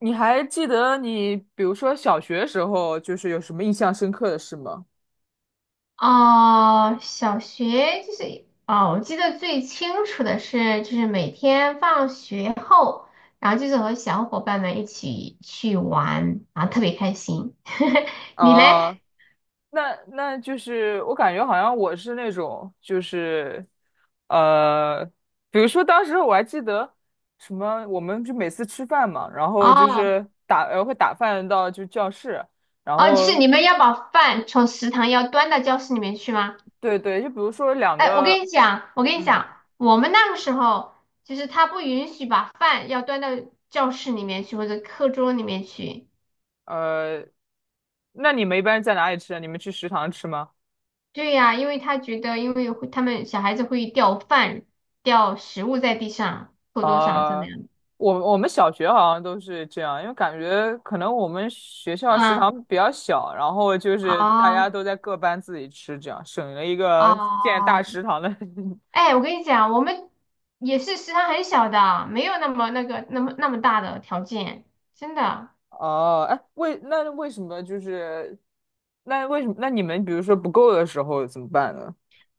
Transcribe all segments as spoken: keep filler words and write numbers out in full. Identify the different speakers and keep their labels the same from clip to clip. Speaker 1: 你还记得你，比如说小学时候，就是有什么印象深刻的事吗？
Speaker 2: 哦，小学就是哦，我记得最清楚的是，就是每天放学后，然后就是和小伙伴们一起去玩，然后特别开心。你嘞？
Speaker 1: 啊，那那就是我感觉好像我是那种，就是呃，比如说当时我还记得什么，我们就每次吃饭嘛，然后就
Speaker 2: 哦
Speaker 1: 是打呃会打饭到就教室，然
Speaker 2: 哦，就是
Speaker 1: 后
Speaker 2: 你们要把饭从食堂要端到教室里面去吗？
Speaker 1: 对对，就比如说两
Speaker 2: 哎，我
Speaker 1: 个，
Speaker 2: 跟你讲，我跟你
Speaker 1: 嗯
Speaker 2: 讲，我们那个时候就是他不允许把饭要端到教室里面去或者课桌里面去。
Speaker 1: 嗯，呃，那你们一般在哪里吃啊？你们去食堂吃吗？
Speaker 2: 对呀，因为他觉得，因为会他们小孩子会掉饭、掉食物在地上、课桌上怎么
Speaker 1: 啊、
Speaker 2: 样。
Speaker 1: 我我们小学好像都是这样，因为感觉可能我们学校食
Speaker 2: 啊
Speaker 1: 堂比较小，然后就是大家
Speaker 2: 啊
Speaker 1: 都在各班自己吃，这样省了一个建
Speaker 2: 啊！
Speaker 1: 大食堂的。
Speaker 2: 哎，我跟你讲，我们也是食堂很小的，没有那么那个那么那么大的条件，真的。
Speaker 1: 哦，哎，为那为什么就是那为什么那你们比如说不够的时候怎么办呢？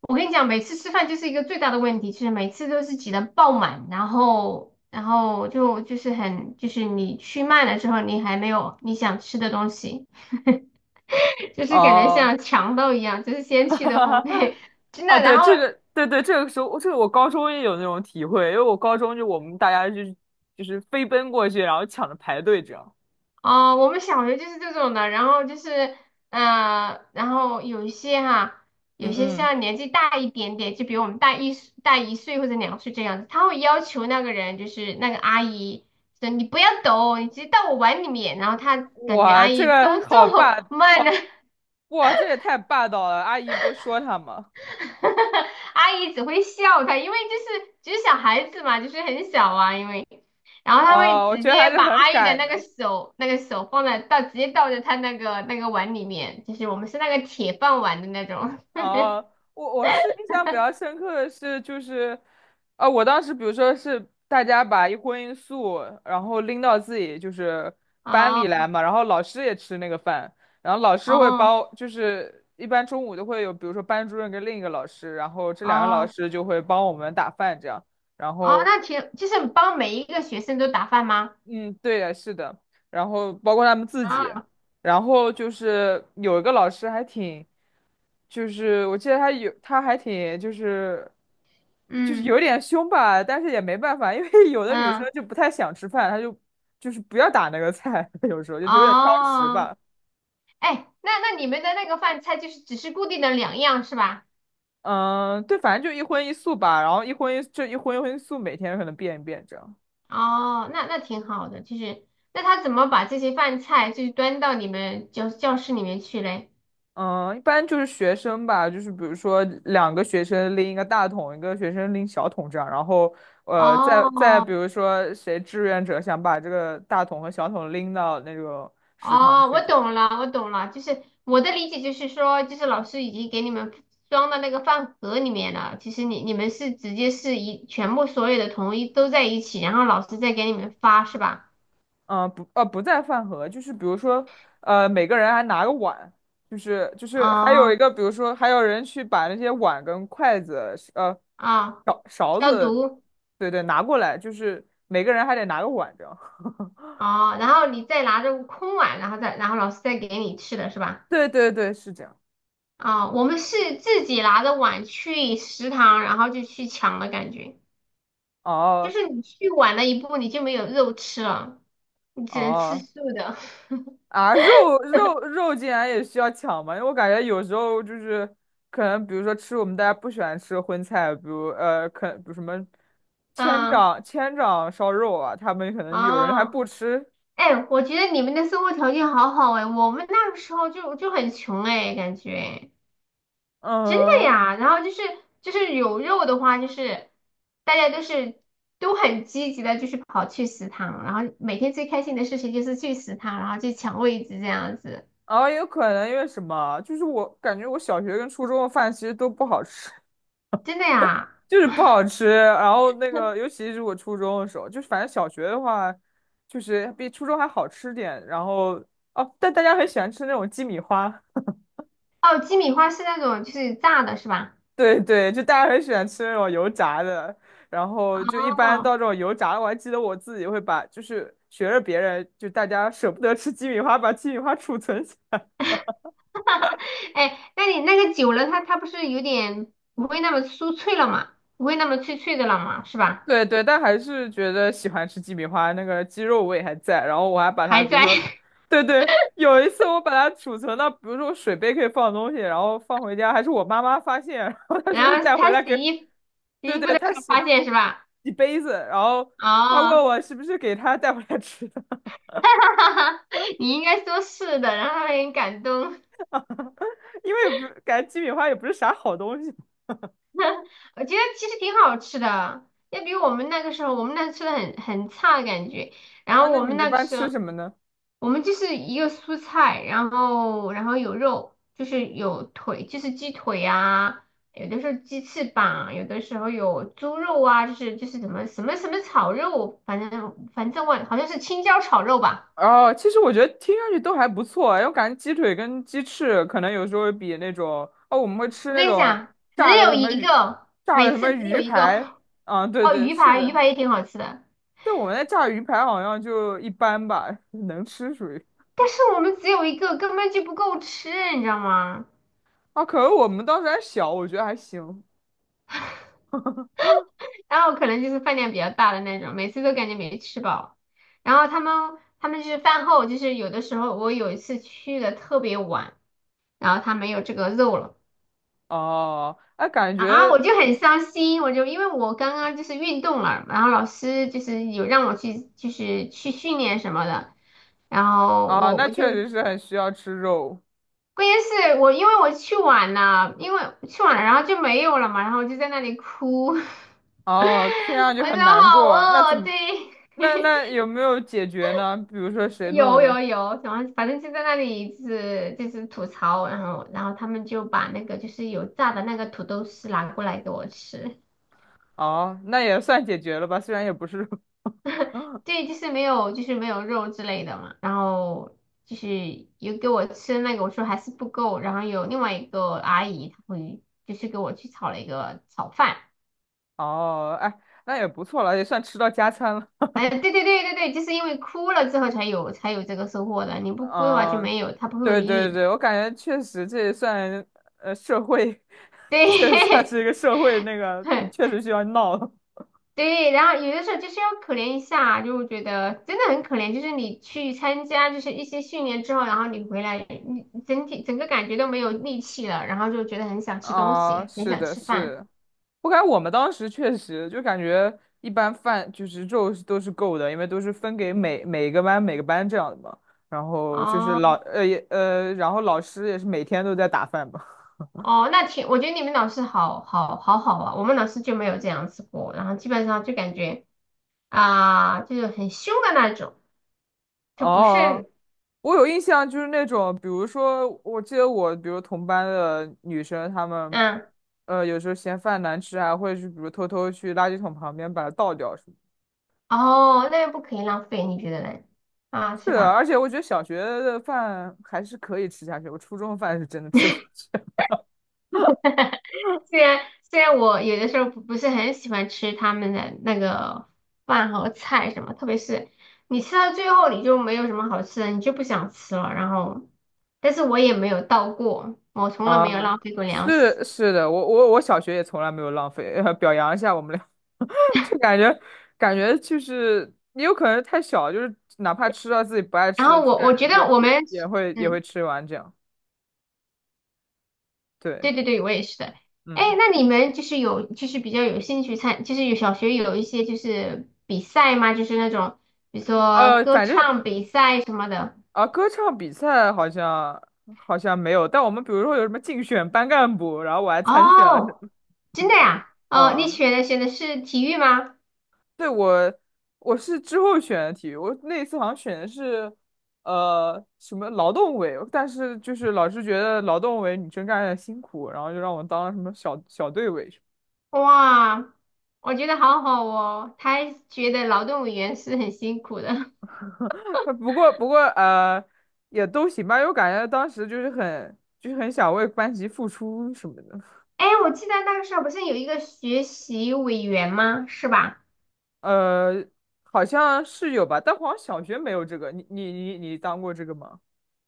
Speaker 2: 我跟你讲，每次吃饭就是一个最大的问题，就是每次都是挤得爆满，然后然后就就是很就是你去慢了之后，你还没有你想吃的东西。就是感觉
Speaker 1: 哦，
Speaker 2: 像强盗一样，就是先去的后 会，真的。
Speaker 1: 哦，
Speaker 2: 然
Speaker 1: 对，
Speaker 2: 后，
Speaker 1: 这个对对，这个时候这个我高中也有那种体会，因为我高中就我们大家就是就是飞奔过去，然后抢着排队这样。
Speaker 2: 哦、我们小学就是这种的。然后就是，嗯，然后有一些哈，有
Speaker 1: 嗯
Speaker 2: 些
Speaker 1: 嗯，
Speaker 2: 像年纪大一点点，就比我们大一岁大一岁或者两岁这样子，他会要求那个人，就是那个阿姨，说你不要抖，你直接到我碗里面。然后他感觉
Speaker 1: 哇，
Speaker 2: 阿
Speaker 1: 这
Speaker 2: 姨动
Speaker 1: 个好
Speaker 2: 作
Speaker 1: 霸，
Speaker 2: 慢了，
Speaker 1: 哇，这也太霸道了！阿姨不说他吗？
Speaker 2: 阿姨只会笑他，因为就是就是小孩子嘛，就是很小啊，因为，然后他会
Speaker 1: 哦，我
Speaker 2: 直
Speaker 1: 觉得还
Speaker 2: 接
Speaker 1: 是
Speaker 2: 把
Speaker 1: 很
Speaker 2: 阿姨的
Speaker 1: 敢
Speaker 2: 那个
Speaker 1: 的。
Speaker 2: 手那个手放在倒，直接倒在他那个那个碗里面，就是我们是那个铁饭碗的那种。
Speaker 1: 哦，我我是印象比较深刻的是，就是，呃，我当时比如说是大家把一荤一素，然后拎到自己就是 班里来
Speaker 2: 哦
Speaker 1: 嘛，然后老师也吃那个饭，然后老师会
Speaker 2: 哦
Speaker 1: 包，就是一般中午都会有，比如说班主任跟另一个老师，然后这两个老
Speaker 2: 哦
Speaker 1: 师就会帮我们打饭这样，然
Speaker 2: 哦，
Speaker 1: 后。
Speaker 2: 那挺就是帮每一个学生都打饭吗？
Speaker 1: 嗯，对呀，是的，然后包括他们自己，
Speaker 2: 啊，
Speaker 1: 然后就是有一个老师还挺，就是我记得他有，他还挺就是就是
Speaker 2: 嗯
Speaker 1: 有点凶吧，但是也没办法，因为有的女生
Speaker 2: 嗯，
Speaker 1: 就不太想吃饭，她就就是不要打那个菜，有时候就有点挑食
Speaker 2: 哦，
Speaker 1: 吧。
Speaker 2: 哎，那那你们的那个饭菜就是只是固定的两样是吧？
Speaker 1: 嗯，对，反正就一荤一素吧，然后一荤一就一荤一荤一素，每天可能变一变这样。
Speaker 2: 哦，那那挺好的，就是那他怎么把这些饭菜就是端到你们教教室里面去嘞？
Speaker 1: 嗯，一般就是学生吧，就是比如说两个学生拎一个大桶，一个学生拎小桶这样，然后呃，再再
Speaker 2: 哦
Speaker 1: 比如说谁志愿者想把这个大桶和小桶拎到那个食堂
Speaker 2: 哦，
Speaker 1: 去
Speaker 2: 我
Speaker 1: 这样，
Speaker 2: 懂了，我懂了，就是我的理解就是说，就是老师已经给你们装到那个饭盒里面了，其实你你们是直接是一全部所有的统一都在一起，然后老师再给你们发是吧？
Speaker 1: 嗯，不呃不在饭盒，就是比如说呃每个人还拿个碗，就是就是还有一
Speaker 2: 哦
Speaker 1: 个比如说还有人去把那些碗跟筷子呃
Speaker 2: 啊，
Speaker 1: 勺勺
Speaker 2: 消
Speaker 1: 子，
Speaker 2: 毒
Speaker 1: 对对拿过来，就是每个人还得拿个碗这样，
Speaker 2: 哦，然后你再拿着空碗，然后再然后老师再给你吃的是吧？
Speaker 1: 对对对是这样。
Speaker 2: 啊，我们是自己拿着碗去食堂，然后就去抢的感觉，就
Speaker 1: 哦，
Speaker 2: 是你去晚了一步，你就没有肉吃了，你只能吃
Speaker 1: 哦，
Speaker 2: 素的。
Speaker 1: 啊，肉肉肉竟然也需要抢吗？因为我感觉有时候就是可能，比如说吃我们大家不喜欢吃的荤菜，比如呃，可比如什么 千
Speaker 2: 啊
Speaker 1: 掌千掌烧肉啊，他们可能有人还不
Speaker 2: 啊，
Speaker 1: 吃，
Speaker 2: 哎，我觉得你们的生活条件好好哎，我们那个时候就就很穷哎，感觉真的
Speaker 1: 嗯，
Speaker 2: 呀。然后就是就是有肉的话，就是大家都是都很积极的，就是跑去食堂，然后每天最开心的事情就是去食堂，然后去抢位置这样子，
Speaker 1: 然后也有可能因为什么，就是我感觉我小学跟初中的饭其实都不好吃，
Speaker 2: 真的呀。
Speaker 1: 就是不好吃。然后那个，尤其是我初中的时候，就是反正小学的话，就是比初中还好吃点，然后。哦，但大家很喜欢吃那种鸡米花。
Speaker 2: 哦，鸡米花是那种就是炸的，是吧？
Speaker 1: 对对，就大家很喜欢吃那种油炸的，然后就一般
Speaker 2: 哦，
Speaker 1: 到这种油炸的，我还记得我自己会把，就是学着别人，就大家舍不得吃鸡米花，把鸡米花储存起来。
Speaker 2: 哎，那你那个久了，它它不是有点不会那么酥脆了嘛？不会那么脆脆的了嘛？是吧？
Speaker 1: 对对，但还是觉得喜欢吃鸡米花，那个鸡肉味还在，然后我还把它，
Speaker 2: 还
Speaker 1: 比如
Speaker 2: 在，
Speaker 1: 说，对对，有一次我把它储存到，比如说水杯可以放东西，然后放回家，还是我妈妈发现，然后 她
Speaker 2: 然
Speaker 1: 说是
Speaker 2: 后
Speaker 1: 带回
Speaker 2: 他
Speaker 1: 来给，
Speaker 2: 洗衣洗
Speaker 1: 对
Speaker 2: 衣服
Speaker 1: 对，
Speaker 2: 的
Speaker 1: 她
Speaker 2: 时候
Speaker 1: 洗
Speaker 2: 发现是吧？
Speaker 1: 洗杯子，然后她问
Speaker 2: 哦，
Speaker 1: 我是不是给她带回来吃的。
Speaker 2: 哈哈哈你应该说是的，然后他很感动。
Speaker 1: 因为感觉鸡米花也不是啥好东西。
Speaker 2: 我觉得其实挺好吃的，要比我们那个时候，我们那吃的很很差的感觉。然
Speaker 1: 啊，
Speaker 2: 后
Speaker 1: 那
Speaker 2: 我
Speaker 1: 你
Speaker 2: 们
Speaker 1: 们一
Speaker 2: 那个
Speaker 1: 般
Speaker 2: 时
Speaker 1: 吃
Speaker 2: 候。
Speaker 1: 什么呢？
Speaker 2: 我们就是一个蔬菜，然后然后有肉，就是有腿，就是鸡腿啊，有的时候鸡翅膀，有的时候有猪肉啊，就是就是什么什么什么炒肉，反正反正我好像是青椒炒肉吧。
Speaker 1: 哦，其实我觉得听上去都还不错啊，因为我感觉鸡腿跟鸡翅可能有时候比那种哦，我们会吃
Speaker 2: 我
Speaker 1: 那
Speaker 2: 跟你
Speaker 1: 种
Speaker 2: 讲，只
Speaker 1: 炸的
Speaker 2: 有
Speaker 1: 什么
Speaker 2: 一
Speaker 1: 鱼，
Speaker 2: 个，
Speaker 1: 炸的
Speaker 2: 每
Speaker 1: 什么
Speaker 2: 次只有
Speaker 1: 鱼
Speaker 2: 一
Speaker 1: 排。
Speaker 2: 个。
Speaker 1: 啊，对
Speaker 2: 哦，
Speaker 1: 对，
Speaker 2: 鱼
Speaker 1: 是
Speaker 2: 排，鱼
Speaker 1: 的，
Speaker 2: 排也挺好吃的，
Speaker 1: 但我们那炸鱼排好像就一般吧，能吃属于。
Speaker 2: 但是我们只有一个，根本就不够吃，你知道吗？
Speaker 1: 啊，可能我们当时还小，我觉得还行。
Speaker 2: 然后可能就是饭量比较大的那种，每次都感觉没吃饱。然后他们他们就是饭后，就是有的时候我有一次去的特别晚，然后他没有这个肉了，
Speaker 1: 哦，那感
Speaker 2: 然后我
Speaker 1: 觉
Speaker 2: 就很伤心，我就因为我刚刚就是运动了，然后老师就是有让我去就是去训练什么的，然后
Speaker 1: 啊，
Speaker 2: 我
Speaker 1: 那
Speaker 2: 我就
Speaker 1: 确实是很需要吃肉。
Speaker 2: 关键是我因为我去晚了，因为去晚了，然后就没有了嘛，然后我就在那里哭，我说
Speaker 1: 哦，听上去很难
Speaker 2: 好
Speaker 1: 过。那怎
Speaker 2: 饿，
Speaker 1: 么
Speaker 2: 对。
Speaker 1: 那那有没有解决呢？比如说谁弄一
Speaker 2: 有
Speaker 1: 个？
Speaker 2: 有有，然后反正就在那里就是就是吐槽，然后然后他们就把那个就是有炸的那个土豆丝拿过来给我吃，
Speaker 1: 哦，那也算解决了吧，虽然也不是。
Speaker 2: 对，就是没有就是没有肉之类的嘛，然后就是有给我吃那个，我说还是不够，然后有另外一个阿姨她会就是给我去炒了一个炒饭，
Speaker 1: 哦，哎，那也不错了，也算吃到加餐了。
Speaker 2: 哎，对对对对对，就是因为哭了之后才有才有这个收获的，你不哭的话就
Speaker 1: 嗯，
Speaker 2: 没有，她不会
Speaker 1: 对
Speaker 2: 理你
Speaker 1: 对
Speaker 2: 的，
Speaker 1: 对，我感觉确实这也算呃社会，这也算
Speaker 2: 对。
Speaker 1: 是一个社会那个，你 确实需要闹了。
Speaker 2: 对，然后有的时候就是要可怜一下，就我觉得真的很可怜。就是你去参加就是一些训练之后，然后你回来，你你整体整个感觉都没有力气了，然后就觉得很想吃东
Speaker 1: 啊、
Speaker 2: 西，很
Speaker 1: 是
Speaker 2: 想
Speaker 1: 的，
Speaker 2: 吃饭。
Speaker 1: 是。我感觉我们当时确实就感觉一般饭就是肉是都是够的，因为都是分给每每个班每个班这样的嘛。然后就是
Speaker 2: 哦
Speaker 1: 老呃也呃，然后老师也是每天都在打饭吧。
Speaker 2: 哦，那挺，我觉得你们老师好好好好啊，我们老师就没有这样子过，然后基本上就感觉啊、就是很凶的那种，就不
Speaker 1: 哦，
Speaker 2: 是
Speaker 1: 我有印象，就是那种，比如说，我记得我，比如同班的女生，她们，
Speaker 2: 嗯
Speaker 1: 呃，有时候嫌饭难吃还会去比如偷偷去垃圾桶旁边把它倒掉什么。
Speaker 2: 哦，那又不可以浪费，你觉得呢？啊，
Speaker 1: 是
Speaker 2: 是
Speaker 1: 的，
Speaker 2: 吧？
Speaker 1: 而且我觉得小学的饭还是可以吃下去，我初中的饭是真的吃不下去。
Speaker 2: 虽然虽然我有的时候不不是很喜欢吃他们的那个饭和菜什么，特别是你吃到最后你就没有什么好吃的，你就不想吃了。然后，但是我也没有倒过，我从来
Speaker 1: 啊，
Speaker 2: 没有浪费过粮食。
Speaker 1: 是是的，我我我小学也从来没有浪费，呃表扬一下我们俩，就感觉，感觉就是也有可能太小，就是哪怕吃到自己不爱
Speaker 2: 然
Speaker 1: 吃
Speaker 2: 后
Speaker 1: 的
Speaker 2: 我
Speaker 1: 菜，
Speaker 2: 我觉得
Speaker 1: 也
Speaker 2: 我
Speaker 1: 也
Speaker 2: 们，
Speaker 1: 也会也
Speaker 2: 嗯，
Speaker 1: 会吃完这样。对，
Speaker 2: 对对对，我也是的。哎，
Speaker 1: 嗯，
Speaker 2: 那你们就是有就是比较有兴趣参，就是有小学有一些就是比赛吗？就是那种比如说
Speaker 1: 呃，
Speaker 2: 歌
Speaker 1: 反正
Speaker 2: 唱比赛什么的。
Speaker 1: 啊，歌唱比赛好像好像没有，但我们比如说有什么竞选班干部，然后我还参选了什
Speaker 2: 哦。
Speaker 1: 么，
Speaker 2: 真的呀？哦，
Speaker 1: 嗯
Speaker 2: 你
Speaker 1: 嗯，
Speaker 2: 选的选的是体育吗？
Speaker 1: 对，我我是之后选的体育，我那一次好像选的是呃什么劳动委，但是就是老师觉得劳动委女生干的辛苦，然后就让我当了什么小小队委什
Speaker 2: 哇，我觉得好好哦。他还觉得劳动委员是很辛苦的。
Speaker 1: 么。 不过不过呃也都行吧，因为我感觉当时就是很就是很想为班级付出什么的，
Speaker 2: 哎，我记得那个时候不是有一个学习委员吗？是吧？
Speaker 1: 呃好像是有吧，但好像小学没有这个，你你你你当过这个吗？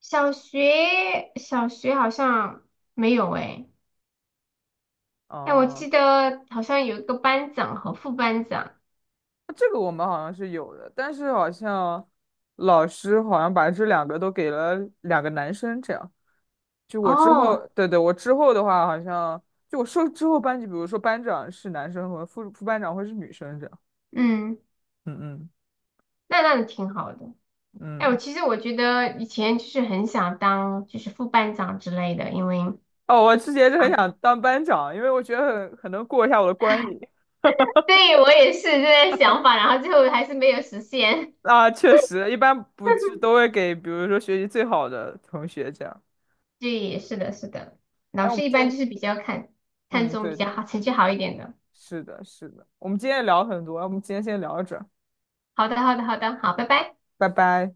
Speaker 2: 小学小学好像没有哎。哎，我
Speaker 1: 哦、
Speaker 2: 记得好像有一个班长和副班长。
Speaker 1: 这个我们好像是有的，但是好像老师好像把这两个都给了两个男生，这样。就我之后，
Speaker 2: 哦，
Speaker 1: 对对，我之后的话，好像就我说之后班级，比如说班长是男生和副副班长会是女生这样。
Speaker 2: 嗯，
Speaker 1: 嗯嗯，
Speaker 2: 那那挺好的。哎，我
Speaker 1: 嗯。
Speaker 2: 其实我觉得以前就是很想当就是副班长之类的，因为。
Speaker 1: 哦，我之前是很想当班长，因为我觉得很很能过一下我的关瘾。
Speaker 2: 对，我也是这个想法，然后最后还是没有实现。
Speaker 1: 啊，确实，一般不是 都会给，比如说学习最好的同学这样。
Speaker 2: 对，是的，是的，
Speaker 1: 哎，
Speaker 2: 老
Speaker 1: 我们
Speaker 2: 师一
Speaker 1: 今
Speaker 2: 般就
Speaker 1: 天，
Speaker 2: 是比较看看
Speaker 1: 嗯，
Speaker 2: 重比
Speaker 1: 对对，
Speaker 2: 较好，成绩好一点的。
Speaker 1: 是的，是的，我们今天也聊很多，哎我们今天先聊着。
Speaker 2: 好的，好的，好的，好，拜拜。
Speaker 1: 拜拜。